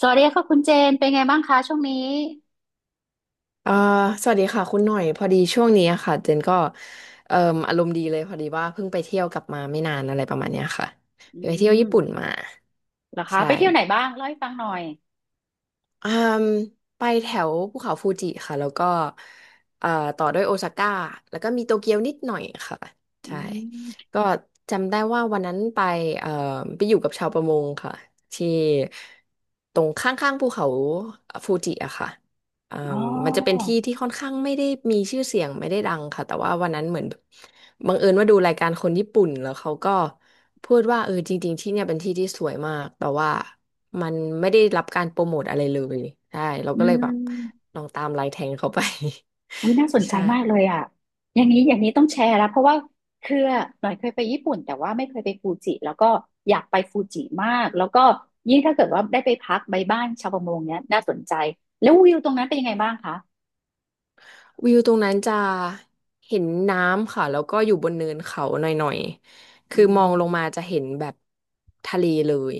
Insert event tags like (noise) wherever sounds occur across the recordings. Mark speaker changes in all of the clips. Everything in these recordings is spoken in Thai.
Speaker 1: สวัสดีค่ะคุณเจนเป็นไงบ้างคะช่วงนี้
Speaker 2: อ่าสวัสดีค่ะคุณหน่อยพอดีช่วงนี้อะค่ะเจนก็เอ่มอารมณ์ดีเลยพอดีว่าเพิ่งไปเที่ยวกลับมาไม่นานอะไรประมาณเนี้ยค่ะ
Speaker 1: อื
Speaker 2: ไปเที่ยวญี่ปุ่น
Speaker 1: ม
Speaker 2: มา
Speaker 1: เหรอคะ
Speaker 2: ใช่
Speaker 1: ไปเที่ยวไหนบ้างเล่าให้ฟังหน่อย
Speaker 2: อืมไปแถวภูเขาฟูจิค่ะแล้วก็เอ่อต่อด้วยโอซาก้าแล้วก็มีโตเกียวนิดหน่อยค่ะ
Speaker 1: อื
Speaker 2: ใช่
Speaker 1: ม
Speaker 2: ก็จำได้ว่าวันนั้นไปเอ่อไปอยู่กับชาวประมงค่ะที่ตรงข้างๆภูเขาฟูจิอะค่ะอื
Speaker 1: อ๋
Speaker 2: ม
Speaker 1: อ
Speaker 2: มันจะเป็นที่ที่ค่อนข้างไม่ได้มีชื่อเสียงไม่ได้ดังค่ะแต่ว่าวันนั้นเหมือนบังเอิญว่าดูรายการคนญี่ปุ่นแล้วเขาก็พูดว่าเออจริงๆที่เนี่ยเป็นที่ที่สวยมากแต่ว่า มันไม่ได้รับการโปรโมทอะไรเลยใช่เรา
Speaker 1: อื
Speaker 2: ก็เลยแบบ
Speaker 1: ม
Speaker 2: ลองตามไลน์แทงเขาไป
Speaker 1: วิน่าสน
Speaker 2: (laughs)
Speaker 1: ใจ
Speaker 2: ใช่
Speaker 1: มากเลยอ่ะอย่างนี้อย่างนี้ต้องแชร์แล้วเพราะว่าคือหน่อยเคยไปญี่ปุ่นแต่ว่าไม่เคยไปฟูจิแล้วก็อยากไปฟูจิมากแล้วก็ยิ่งถ้าเกิดว่าได้ไปพักใบบ้านชาวประมงเนี้ยน่าสนใจแล้ววิวตรงนั้นเป็นยังไงบ้างคะ
Speaker 2: วิวตรงนั้นจะเห็นน้ำค่ะแล้วก็อยู่บนเนินเขาหน่อยๆ
Speaker 1: อื
Speaker 2: คือมองลงมา
Speaker 1: ม
Speaker 2: จะเห็นแบบทะเลเลย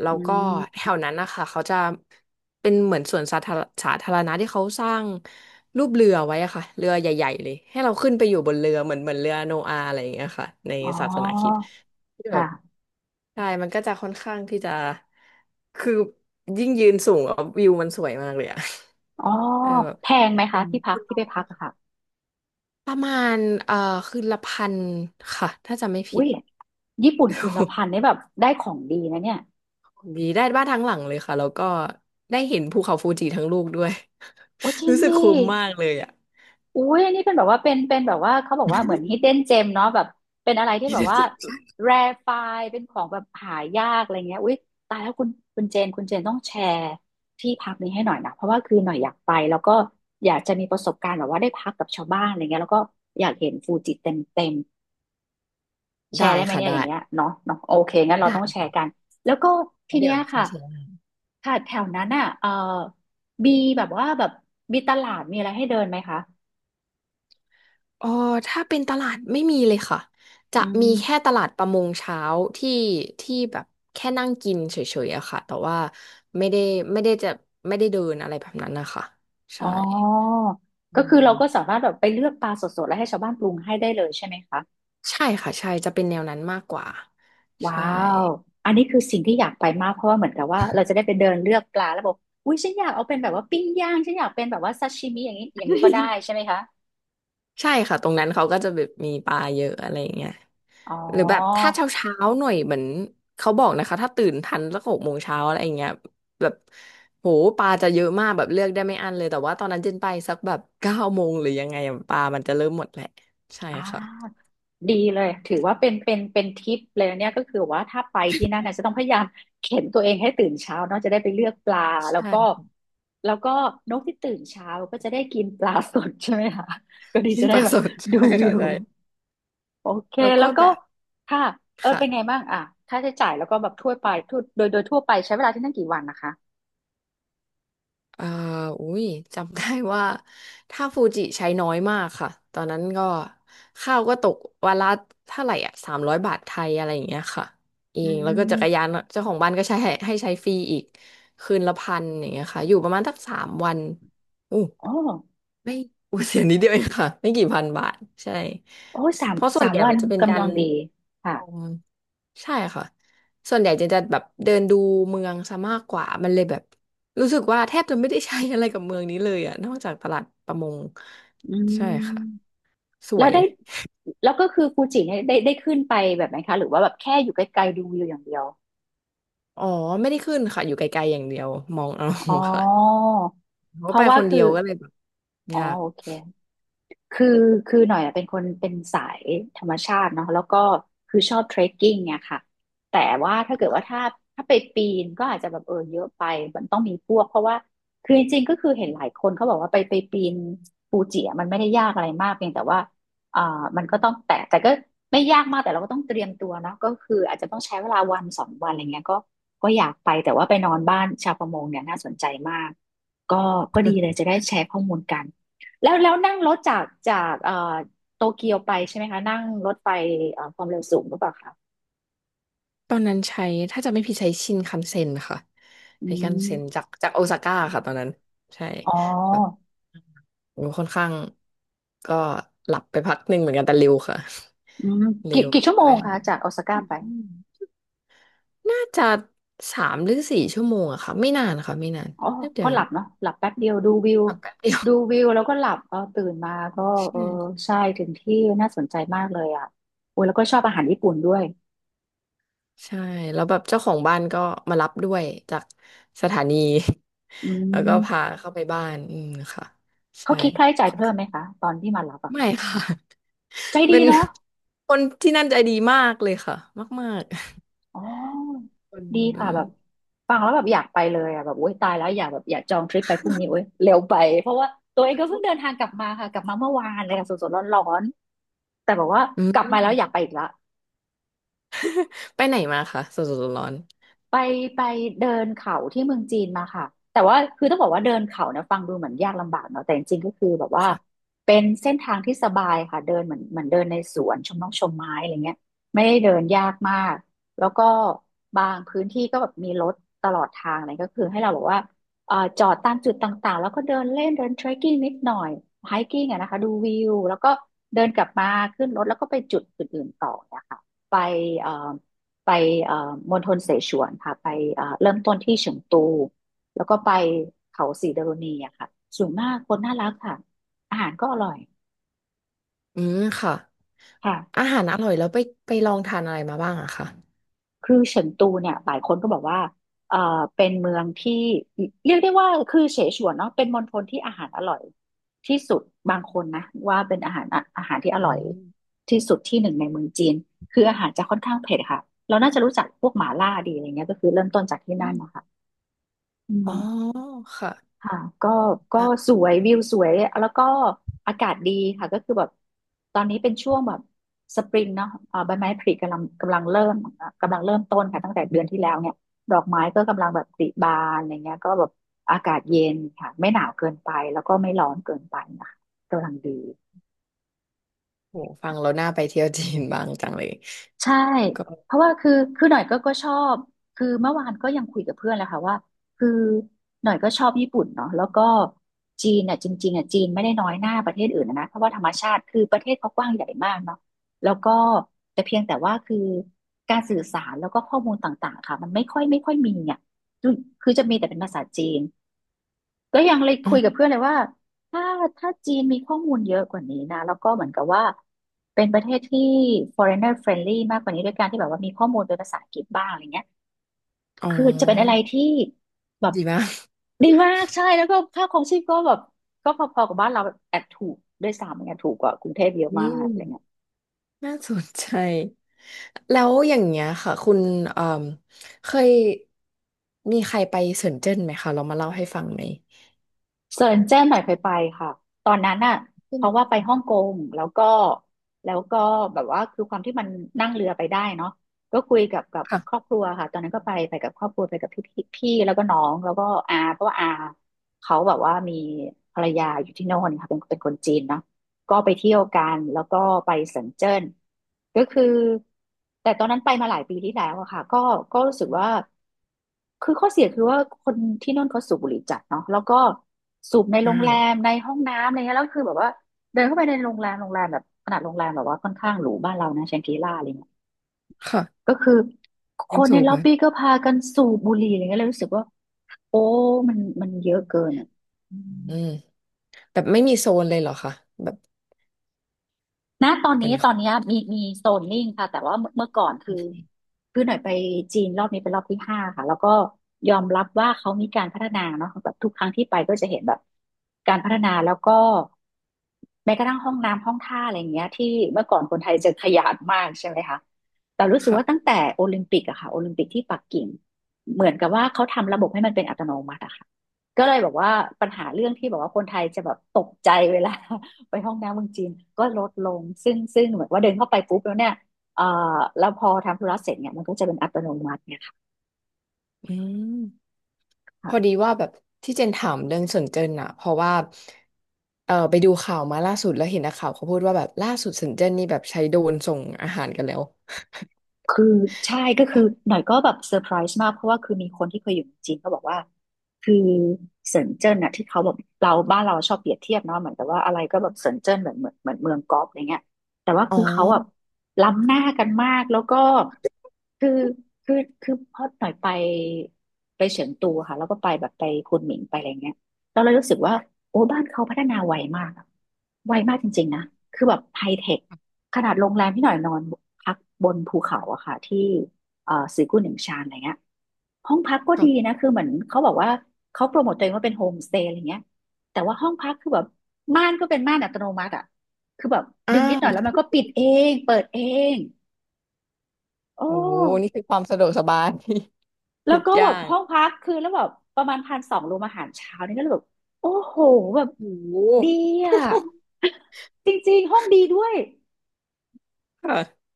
Speaker 2: แล้
Speaker 1: อื
Speaker 2: วก็แถ
Speaker 1: ม
Speaker 2: วนั้นนะคะเขาจะเป็นเหมือนสวนสาธารณะที่เขาสร้างรูปเรือไว้อะค่ะเรือใหญ่ๆเลยให้เราขึ้นไปอยู่บนเรือเหมือนเรือโนอาห์อะไรอย่างเงี้ยค่ะใน
Speaker 1: อ๋
Speaker 2: ศาสนาคริสต์
Speaker 1: อ
Speaker 2: ที่แบบ
Speaker 1: ค่ะ
Speaker 2: ใช่มันก็จะค่อนข้างที่จะคือยิ่งยืนสูงแล้ววิวมันสวยมากเลยอะ
Speaker 1: อ๋อ
Speaker 2: (laughs) เออแบบ
Speaker 1: แพงไหม
Speaker 2: อื
Speaker 1: คะ
Speaker 2: ม
Speaker 1: ที่พักที่ไปพักอะค่ะ
Speaker 2: ประมาณเอ่อคืนละพันค่ะถ้าจำไม่
Speaker 1: อุ้
Speaker 2: ผิด
Speaker 1: ยญี่ปุ่นคืนละ
Speaker 2: (laughs)
Speaker 1: พันนี่แบบได้ของดีนะเนี่ย
Speaker 2: ดีได้บ้านทั้งหลังเลยค่ะแล้วก็ได้เห็นภูเขาฟูจิทั้งลูกด้วย
Speaker 1: โอ้จริ
Speaker 2: (laughs)
Speaker 1: ง
Speaker 2: รู้สึก
Speaker 1: ดิ
Speaker 2: คุ้มมากเลยอะ
Speaker 1: อุ้ยอันนี้เป็นแบบว่าเป็นแบบว่าเขาบอกว่าเหมือน hidden gem เนาะแบบเป็นอะไรที่แบบว่า
Speaker 2: (laughs)
Speaker 1: rare find เป็นของแบบหายากอะไรเงี้ยอุ้ยตายแล้วคุณเจนต้องแชร์ที่พักนี้ให้หน่อยนะเพราะว่าคือหน่อยอยากไปแล้วก็อยากจะมีประสบการณ์แบบว่าได้พักกับชาวบ้านอะไรเงี้ยแล้วก็อยากเห็นฟูจิเต็มเต็ม แช
Speaker 2: ได้
Speaker 1: ร์ได้ไหม
Speaker 2: ค่ะ
Speaker 1: เนี่ยอย่า
Speaker 2: ได้
Speaker 1: งเงี้ยเนาะเนาะโอเคงั้นเราต้อง
Speaker 2: ได้
Speaker 1: แชร์กันแล้วก็
Speaker 2: เพ
Speaker 1: ที
Speaker 2: ราะเดี๋
Speaker 1: เนี้
Speaker 2: ย
Speaker 1: ย
Speaker 2: วจ
Speaker 1: ค่ะ
Speaker 2: ริงๆ
Speaker 1: ค่ะแถวนั้นอ่ะเออมีแบบว่าแบบมีตลาดมีอะไรให้เดินไหมคะ
Speaker 2: เออถ้าเป็นตลาดไม่มีเลยค่ะจะ
Speaker 1: อื
Speaker 2: มีแค่
Speaker 1: ม
Speaker 2: ตลาดประมงเช้าที่ที่แบบแค่นั่งกินเฉยๆอะค่ะแต่ว่าไม่ได้ไม่ได้จะไม่ได้เดินอะไรแบบนั้นนะคะ
Speaker 1: อ๋
Speaker 2: ใช่
Speaker 1: อ
Speaker 2: อื
Speaker 1: ก็คือเราก็สา
Speaker 2: ม
Speaker 1: มารถแบบไปเลือกปลาสดๆแล้วให้ชาวบ้านปรุงให้ได้เลยใช่ไหมคะ
Speaker 2: ใช่ค่ะใช่จะเป็นแนวนั้นมากกว่า
Speaker 1: ว้า
Speaker 2: ใช่
Speaker 1: วอันนี้คือสิ่งที่อยากไปมากเพราะว่าเหมือนกับว่าเราจะได้ไปเดินเลือกปลาแล้วบอกอุ้ยฉันอยากเอาเป็นแบบว่าปิ้งย่างฉันอยากเป็นแบบว่าซาชิมิอย่างนี้อย่างนี้ก็ได้ใช่ไหมคะ
Speaker 2: ใช่ค่ะตรงนั้นเขาก็จะแบบมีปลาเยอะอะไรอย่างเงี้ย
Speaker 1: อ๋อ
Speaker 2: หรือแบบถ้าเช้าเช้าหน่อยเหมือนเขาบอกนะคะถ้าตื่นทันสัก6 โมงเช้าอะไรอย่างเงี้ยแบบโหปลาจะเยอะมากแบบเลือกได้ไม่อั้นเลยแต่ว่าตอนนั้นเจนไปสักแบบ (laughs) 9 โมงหรือยังไงอะปลามันจะเริ่มหมดแหละใช่
Speaker 1: อ่า
Speaker 2: ค่ะ
Speaker 1: ดีเลยถือว่าเป็นทิปเลยเนี่ยก็คือว่าถ้าไปที่นั่นนะจะต้องพยายามเข็นตัวเองให้ตื่นเช้าเนาะจะได้ไปเลือกปลาแล้ว
Speaker 2: ใช่
Speaker 1: ก็
Speaker 2: ค่ะ
Speaker 1: แล้วก็นกที่ตื่นเช้าก็จะได้กินปลาสดใช่ไหมคะก็ดี
Speaker 2: กิน
Speaker 1: จะได้
Speaker 2: ปลา
Speaker 1: แบ
Speaker 2: ส
Speaker 1: บ
Speaker 2: ด (laughs)
Speaker 1: ดู
Speaker 2: ใช่
Speaker 1: วิ
Speaker 2: ค่ะ
Speaker 1: ว
Speaker 2: ใช่
Speaker 1: โอเค
Speaker 2: แล้ว
Speaker 1: แล้
Speaker 2: ก็
Speaker 1: วก็
Speaker 2: แบบ
Speaker 1: ค่ะเออ
Speaker 2: ค่ะ
Speaker 1: เป็นไงบ้างอ่ะค่าใช้จ่ายแล้วก็แบบทั่วไปทั่วโดยโดยทั่วไปใช้เวลาที่นั่นกี่วันนะคะ
Speaker 2: เอ่า อุ้ยจำได้ว่าถ้าฟูจิใช้น้อยมากค่ะ ตอนนั้นก็ข้าวก็ตกวันละเท่าไหร่อ่ะ300 บาทไทยอะไรอย่างเงี้ยค่ะเอ
Speaker 1: อื
Speaker 2: งแล้วก็จักร
Speaker 1: ม
Speaker 2: ยานเจ้าของบ้านก็ใช้ให้ใช้ฟรีอีกคืนละพันอย่างเงี้ยค่ะ อยู่ประมาณสัก3 วันอู้
Speaker 1: อ๋อ
Speaker 2: ไม่ (laughs) โอ้เสียนิดเดียวเองค่ะไม่กี่พันบาทใช่
Speaker 1: โอ้สาม
Speaker 2: เพราะส่ว
Speaker 1: สา
Speaker 2: น
Speaker 1: ม
Speaker 2: ใหญ่
Speaker 1: วั
Speaker 2: มั
Speaker 1: น
Speaker 2: นจะเป็นกา
Speaker 1: กำลั
Speaker 2: ร
Speaker 1: งดี
Speaker 2: ช
Speaker 1: ค่ะ
Speaker 2: มใช่ค่ะส่วนใหญ่จะแบบเดินดูเมืองซะมากกว่ามันเลยแบบรู้สึกว่าแทบจะไม่ได้ใช้อะไรกับเมืองนี้เลยอะนอกจากตลาดประมง
Speaker 1: อื
Speaker 2: ใช่
Speaker 1: ม
Speaker 2: ค่ะส
Speaker 1: แล้
Speaker 2: ว
Speaker 1: ว
Speaker 2: ย
Speaker 1: ได้แล้วก็คือฟูจิเนี่ยได้ขึ้นไปแบบไหนคะหรือว่าแบบแค่อยู่ใกล้ๆดูวิวอย่างเดียว
Speaker 2: อ๋อไม่ได้ขึ้นค่ะอยู่ไกลๆอย่างเดียวมองเอา
Speaker 1: อ๋อ
Speaker 2: (laughs) ค่ะเพ
Speaker 1: เพ
Speaker 2: ราะไป
Speaker 1: ราะว่า
Speaker 2: คนเดี
Speaker 1: คื
Speaker 2: ย
Speaker 1: อ
Speaker 2: วก็เลยแบบ
Speaker 1: อ๋อ
Speaker 2: ยาก
Speaker 1: โอเค คือคือหน่อยอะเป็นคนเป็นสายธรรมชาติเนาะแล้วก็คือชอบเทรคกิ้งเนี่ยค่ะแต่ว่าถ้าเกิดว่าถ้าไปปีนก็อาจจะแบบเออเยอะไปมันต้องมีพวกเพราะว่าคือจริงๆก็คือเห็นหลายคนเขาบอกว่าไปปีนฟูจิอะมันไม่ได้ยากอะไรมากเพียงแต่ว่าอ่ามันก็ต้องแต่ก็ไม่ยากมากแต่เราก็ต้องเตรียมตัวเนาะก็คืออาจจะต้องใช้เวลาวันสองวันอะไรเงี้ยก็ก็อยากไปแต่ว่าไปนอนบ้านชาวประมงเนี่ยน่าสนใจมากก็ก็ดีเลยจะได้แชร์ข้อมูลกัน แล้วนั่งรถจากโตเกียวไปใช่ไหมคะนั่งรถไฟความเร็วสูงหรือเปล่าคะ
Speaker 2: ตอนนั้นใช้ถ้าจะไม่ผิดใช้ชินคันเซ็นค่ะ
Speaker 1: อื
Speaker 2: ใช้คันเซ็น
Speaker 1: ม
Speaker 2: จากโอซาก้าค่ะตอนนั้นใช่
Speaker 1: อ๋อ
Speaker 2: แบบโอ้ค่อนข้างก็หลับไปพักหนึ่งเหมือนกันแต่เร็วค่ะ
Speaker 1: อืม
Speaker 2: (laughs) เร็
Speaker 1: กี่
Speaker 2: ว
Speaker 1: กี่ชั่
Speaker 2: เดี๋
Speaker 1: ว
Speaker 2: ยว
Speaker 1: โม
Speaker 2: ว่า
Speaker 1: ง
Speaker 2: ท
Speaker 1: คะจากโอซาก้าไป
Speaker 2: ำอืมน่าจะ3 หรือ 4 ชั่วโมงอะค่ะไม่นานค่ะไม่นาน
Speaker 1: อ๋อ
Speaker 2: แป๊บเดีย
Speaker 1: ก็
Speaker 2: ว
Speaker 1: ห
Speaker 2: เอ
Speaker 1: ลั
Speaker 2: ง
Speaker 1: บเนาะหลับแป๊บเดียวดูวิว
Speaker 2: ขับแป๊บเดียว
Speaker 1: ดูวิวแล้วก็หลับเออตื่นมาก็
Speaker 2: (laughs)
Speaker 1: เออ
Speaker 2: ใช่
Speaker 1: ใช่ถึงที่น่าสนใจมากเลยอ่ะโอ้ยแล้วก็ชอบอาหารญี่ปุ่นด้วย
Speaker 2: ใช่แล้วแบบเจ้าของบ้านก็มารับด้วยจากสถานี
Speaker 1: อื
Speaker 2: (laughs) แล้วก็พา
Speaker 1: ม
Speaker 2: เข้าไปบ้านอืมค่ะ
Speaker 1: เขา
Speaker 2: ใช่
Speaker 1: คิดค่าใช้จ่ายเพิ่มไหมคะตอนที่มารับอะ
Speaker 2: (laughs) ไม่
Speaker 1: ค่ะ
Speaker 2: ค่ะ
Speaker 1: ใจดี
Speaker 2: เป็น
Speaker 1: เนาะ
Speaker 2: (laughs) คนที่นั่นใจดีมากเลยค่ะมาก
Speaker 1: อ๋อ
Speaker 2: ๆค
Speaker 1: ดี
Speaker 2: น
Speaker 1: ค่ะแบบฟังแล้วแบบอยากไปเลยอ่ะแบบโอ๊ยตายแล้วอยากแบบอยากจองทริปไปพรุ่งนี้โอ๊ยเร็วไปเพราะว่าตัวเองก็เพิ่งเดินทางกลับมาค่ะกลับมาเมื่อวานเลยค่ะสดๆร้อนๆแต่บอกว่า
Speaker 2: อื
Speaker 1: กลับมาแล้วอยาก
Speaker 2: ม
Speaker 1: ไปอีกละ
Speaker 2: ไปไหนมาคะสดๆร้อน
Speaker 1: ไปไปเดินเขาที่เมืองจีนมาค่ะแต่ว่าคือต้องบอกว่าเดินเขาเนี่ยฟังดูเหมือนยากลำบากเนาะแต่จริงๆก็คือแบบ
Speaker 2: ๆ
Speaker 1: ว่า
Speaker 2: ค่ะ
Speaker 1: เป็นเส้นทางที่สบายค่ะเดินเหมือนเดินในสวนชมนกชมไม้อะไรเงี้ยไม่ได้เดินยากมากแล้วก็บางพื้นที่ก็แบบมีรถตลอดทางอะไรก็คือให้เราแบอกว่าจอดตามจุดต่างๆแล้วก็เดินเล่นเดินเทรคกิ้งนิดหน่อยไฮกิ้งอะนะคะดูวิวแล้วก็เดินกลับมาขึ้นรถแล้วก็ไปจุดอื่นๆต่อเนี่ยค่ะไปเอ่อ ไปเอ่อมณฑลเสฉวนค่ะไปเริ่มต้นที่เฉิงตูแล้วก็ไปเขาสีดารุณีอะค่ะสวยมากคนน่ารักค่ะอาหารก็อร่อย
Speaker 2: อืมค่ะ
Speaker 1: ค่ะ
Speaker 2: อาหารอร่อยแล้วไปไปลองทานอะไรมาบ้างอะคะ
Speaker 1: คือเฉิงตูเนี่ยหลายคนก็บอกว่าเอ่อเป็นเมืองที่เรียกได้ว่าคือเสฉวนเนาะเป็นมณฑลที่อาหารอร่อยที่สุดบางคนนะว่าเป็นอาหารที่อ
Speaker 2: อื
Speaker 1: ร่อย
Speaker 2: ม
Speaker 1: ที่สุดที่หนึ่งในเมืองจีนคืออาหารจะค่อนข้างเผ็ดค่ะเราน่าจะรู้จักพวกหม่าล่าดีอะไรเงี้ยก็คือเริ่มต้นจากที่
Speaker 2: อื
Speaker 1: นั่น
Speaker 2: ม
Speaker 1: นะคะอื
Speaker 2: อ๋อ
Speaker 1: ม
Speaker 2: ค่ะ
Speaker 1: ค่ะก็ก็
Speaker 2: นะ
Speaker 1: สวยวิวสวยแล้วก็อากาศดีค่ะก็คือแบบตอนนี้เป็นช่วงแบบสปริงเนาะเอ่อใบไม้ผลิกำลังเริ่มกำลังเริ่มต้นค่ะตั้งแต่เดือนที่แล้วเนี่ยดอกไม้ก็กำลังแบบผลิบานอะไรเงี้ยก็แบบอากาศเย็นค่ะไม่หนาวเกินไปแล้วก็ไม่ร้อนเกินไปนะคะกำลังดี
Speaker 2: โหฟังแล้วน่าไปเที่ยวจีนบ้างจังเลย
Speaker 1: ใช่
Speaker 2: แล้วก็
Speaker 1: เพราะว่าคือคือหน่อยก็ชอบคือเมื่อวานก็ยังคุยกับเพื่อนแหละค่ะว่าคือหน่อยก็ชอบญี่ปุ่นเนาะแล้วก็จีนเนี่ยจริงๆอ่ะจีนไม่ได้น้อยหน้าประเทศอื่นนะเพราะว่าธรรมชาติคือประเทศเขากว้างใหญ่มากเนาะแล้วก็แต่เพียงแต่ว่าคือการสื่อสารแล้วก็ข้อมูลต่างๆค่ะมันไม่ค่อยมีอ่ะคือคือจะมีแต่เป็นภาษาจีน ก็ยังเลย
Speaker 2: อื
Speaker 1: คุย
Speaker 2: ม
Speaker 1: กับเพื่อนเลยว่าถ้าถ้าจีนมีข้อมูลเยอะกว่านี้นะแล้วก็เหมือนกับว่าเป็นประเทศที่ foreigner friendly มากกว่านี้ด้วยการที่แบบว่ามีข้อมูลเป็นภาษาอังกฤษบ้างอะไรเงี้ย
Speaker 2: อ๋
Speaker 1: คือจะเป็นอะไร
Speaker 2: อ
Speaker 1: ที่แบบ
Speaker 2: ดีมาก
Speaker 1: ดีมากใช่แล้วก็ค่าครองชีพก็แบบก็พอๆกับบ้านเราแอบถูกด้วยซ้ำเนี่ยถูกกว่ากรุงเทพเยอะ
Speaker 2: อื
Speaker 1: มากอะ
Speaker 2: ม
Speaker 1: ไรเงี้ย
Speaker 2: น่าสนใจแล้วอย่างเงี้ยค่ะคุณเอ่มเคยมีใครไปเซินเจิ้นไหมคะเรามาเล่าให้ฟังไหม
Speaker 1: เซินเจิ้นหน่อยเคยไปค่ะตอนนั้นน่ะ
Speaker 2: เป็
Speaker 1: เพ
Speaker 2: น
Speaker 1: ราะว่า
Speaker 2: นะ
Speaker 1: ไปฮ่องกงแล้วก็แล้วก็แบบว่าคือความที่มันนั่งเรือไปได้เนาะก็คุยกับกับ
Speaker 2: ค่ะ
Speaker 1: ครอบครัวค่ะตอนนั้นก็ไปกับครอบครัวไปกับพี่พี่แล้วก็น้องแล้วก็อาเพราะว่าอาเขาแบบว่ามีภรรยาอยู่ที่โน่นค่ะเป็นคนจีนเนาะ ก็ไปเที่ยวกันแล้วก็ไปเซินเจิ้นก็คือแต่ตอนนั้นไปมาหลายปีที่แล้วอะค่ะก็ก็รู้สึกว่าคือข้อเสียคือว่าคนที่นั่นเขาสูบบุหรี่จัดเนาะแล้วก็สูบในโร
Speaker 2: อ่
Speaker 1: งแรม
Speaker 2: า
Speaker 1: ในห้องน้ำอะไรเงี้ยแล้วคือแบบว่าเดินเข้าไปในโรงแรมโรงแรมแบบขนาดโรงแรมแบบว่าค่อนข้างหรูบ้านเรานะแชงกรีล่าอะไรเงี้ย
Speaker 2: ค่ะ
Speaker 1: ก็คือค
Speaker 2: ยัง
Speaker 1: นใน
Speaker 2: สูบ
Speaker 1: ล็อ
Speaker 2: เล
Speaker 1: บ
Speaker 2: ย
Speaker 1: บี้ก็พากันสูบบุหรี่อะไรเงี้ยเลยรู้สึกว่าโอ้มันเยอะเกินอะอืม
Speaker 2: อืมแบบไม่มีโซนเลยเหรอคะแบบ
Speaker 1: ณตอน
Speaker 2: เหมือ
Speaker 1: นี้
Speaker 2: น
Speaker 1: ตอนเนี้ยมีโซนนิ่งค่ะแต่ว่าเมื่อก่อนคือคือหน่อยไปจีนรอบนี้เป็นรอบที่ห้าค่ะแล้วก็ยอมรับว่าเขามีการพัฒนาเนาะแบบทุกครั้งที่ไปก็จะเห็นแบบการพัฒนาแล้วก็แม้กระทั่งห้องน้ำห้องท่าอะไรอย่างเงี้ยที่เมื่อก่อนคนไทยจะขยาดมากใช่ไหมคะแต่รู้สึก
Speaker 2: ค่ะ
Speaker 1: ว่าตั้งแต่โอลิมปิกอะค่ะโอลิมปิกที่ปักกิ่งเหมือนกับว่าเขาทำระบบให้มันเป็นอัตโนมัติอะค่ะก็เลยบอกว่าปัญหาเรื่องที่บอกว่าคนไทยจะแบบตกใจเวลา ไปห้องน้ำเมืองจีนก็ลดลงซึ่งเหมือนว่าเดินเข้าไปปุ๊บแล้วเนี่ยเอ่อแล้วพอทำธุระเสร็จเนี่ยมันก็จะเป็นอัตโนมัติเนี่ยค
Speaker 2: อืมพอ
Speaker 1: ่ะ
Speaker 2: ดีว่าแบบที่เจนถามเรื่องเซินเจิ้นอะเพราะว่าเออไปดูข่าวมาล่าสุดแล้วเห็นนักข่าวเขาพูดว่าแบบล่าสุดเซินเจิ้นนี่แบบใช้โดรนส่งอาหารกันแล้ว
Speaker 1: คือใช่ก็คือหน่อยก็แบบเซอร์ไพรส์มากเพราะว่าคือมีคนที่เคยอยู่เมืองจีนเขาบอกว่าคือเซินเจิ้นน่ะที่เขาแบบเราบ้านเราชอบเปรียบเทียบเนาะเหมือนแต่ว่าอะไรก็แบบเซินเจิ้นเหมือนเมืองก๊อปอะไรเงี้ยแต่ว่า
Speaker 2: อ๋อ
Speaker 1: คือเขาแบบล้ำหน้ากันมากแล้วก็คือคือคือพอหน่อยไปเฉิงตูค่ะแล้วก็ไปแบบไปคุนหมิงไปอะไรเงี้ยเราเลยรู้สึกว่าโอ้บ้านเขาพัฒนาไวมากอะไวมากจริงๆนะคือแบบไฮเทค ขนาดโรงแรมที่หน่อยนอนพักบนภูเขาอะค่ะที่สีกุนหนึ่งชานอะไรเงี้ยห้องพักก็ดี
Speaker 2: ค่ะ
Speaker 1: นะคือเหมือนเขาบอกว่าเขาโปรโมตตัวเองว่าเป็นโฮมสเตย์อะไรเงี้ยแต่ว่าห้องพักคือแบบม่านก็เป็นม่านอัตโนมัติอะคือแบบ
Speaker 2: อ้า
Speaker 1: ดึงนิดหน่
Speaker 2: ว
Speaker 1: อยแล้วมันก็ปิดเองเปิดเองโอ้
Speaker 2: โอ้โหนี่คือความสะดวกสบาย (laughs)
Speaker 1: แล้
Speaker 2: ทุ
Speaker 1: ว
Speaker 2: ก
Speaker 1: ก็
Speaker 2: อ
Speaker 1: แบ
Speaker 2: ย่า
Speaker 1: บ
Speaker 2: ง
Speaker 1: ห้องพักคือแล้วแบบประมาณ1,200รวมอาหารเช้านี่ก็เลยแบบโอ้โหแบบ
Speaker 2: โอ้โห
Speaker 1: ดีอ่ะ (laughs) จริงๆห้องดีด้วย
Speaker 2: ค่ะ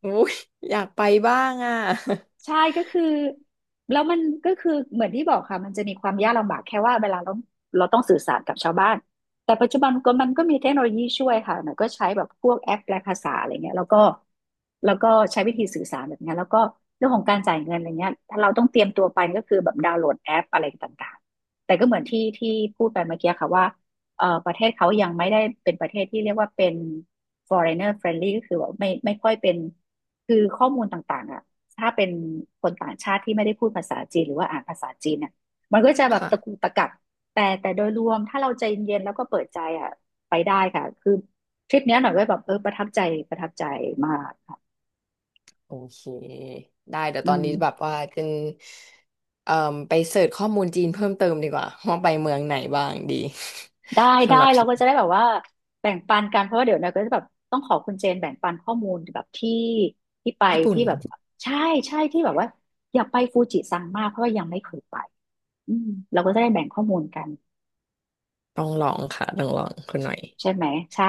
Speaker 2: โอ้ยอยากไปบ้างอ่ะ
Speaker 1: ใช่ก็คือแล้วมันก็คือเหมือนที่บอกค่ะมันจะมีความยากลำบากแค่ว่าเวลาเราต้องสื่อสารกับชาวบ้านแต่ปัจจุบันก็มันก็มีเทคโนโลยีช่วยค่ะหน่อยก็ใช้แบบพวกแอปแปลภาษาอะไรเงี้ยแล้วก็ใช้วิธีสื่อสารแบบเนี้ยแล้วก็เรื่องของการจ่ายเงินอะไรเงี้ยถ้าเราต้องเตรียมตัวไปก็คือแบบดาวน์โหลดแอปอะไรต่างๆแต่ก็เหมือนที่พูดไปเมื่อกี้ค่ะว่าประเทศเขายังไม่ได้เป็นประเทศที่เรียกว่าเป็น foreigner friendly ก็คือแบบไม่ค่อยเป็นคือข้อมูลต่างๆอ่ะ ถ้าเป็นคนต่างชาติที่ไม่ได้พูดภาษาจีนหรือว่าอ่านภาษาจีนเนี่ยมันก็จะแบบตะกุ
Speaker 2: ค่ะ
Speaker 1: กตะกักแต่โดยรวมถ้าเราใจเย็นๆแล้วก็เปิดใจอ่ะไปได้ค่ะคือทริปเนี้ยหน่อยก็แบบเออประทับใจประทับใจมาก
Speaker 2: โอเคได้เดี๋ยว
Speaker 1: อื
Speaker 2: ตอน
Speaker 1: ม
Speaker 2: นี้แบบว่าเป็นเอ่อไปเสิร์ชข้อมูลจีนเพิ่มเติมดีกว่าว่าไปเมืองไหนบ้างดี
Speaker 1: ได้
Speaker 2: (laughs)
Speaker 1: ได้
Speaker 2: สำหรับท
Speaker 1: เรา
Speaker 2: ริป
Speaker 1: ก็จะได้แบบว่าแบ่งปันกันเพราะว่าเดี๋ยวนะก็จะแบบต้องขอคุณเจนแบ่งปันข้อมูลแบบที่ที่ไป
Speaker 2: ญี่ปุ่น
Speaker 1: ที่แบบใช่ใช่ที่แบบว่าอยากไปฟูจิซังมากเพราะว่ายังไม่เคยไปอืมเราก็จะได้แบ่งข้อมูลกัน
Speaker 2: ต้องลองค่ะต้องลองคุณหน่อย
Speaker 1: ใช่ไหมใช่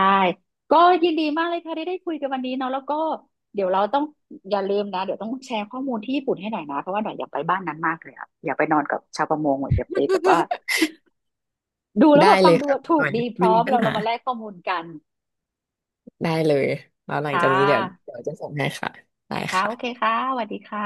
Speaker 1: ก็ยินดีมากเลยค่ะที่ได้คุยกันวันนี้เนาะแล้วก็เดี๋ยวเราต้องอย่าลืมนะเดี๋ยวต้องแชร์ข้อมูลที่ญี่ปุ่นให้หน่อยนะเพราะว่าหน่อยอยากไปบ้านนั้นมากเลยอะอยากไปนอนกับชาวประมงหน่อยอยากไปแบบว่าดูแล้ว
Speaker 2: ได้
Speaker 1: แบบฟั
Speaker 2: เล
Speaker 1: ง
Speaker 2: ย
Speaker 1: ดู
Speaker 2: ค่ะคุณ
Speaker 1: ถู
Speaker 2: ห
Speaker 1: ก
Speaker 2: น่อย
Speaker 1: ดีพ
Speaker 2: ไม่
Speaker 1: ร้อ
Speaker 2: มี
Speaker 1: ม
Speaker 2: ปัญ
Speaker 1: เรา
Speaker 2: หา
Speaker 1: มาแลกข้อมูลกัน
Speaker 2: ได้เลยแล้วหลัง
Speaker 1: ค่
Speaker 2: จากนี้
Speaker 1: ะ
Speaker 2: เดี๋ยวจะส่งให้ค่ะได้
Speaker 1: ค่ะ
Speaker 2: ค่ะ
Speaker 1: โอเคค่ะสวัสดีค่ะ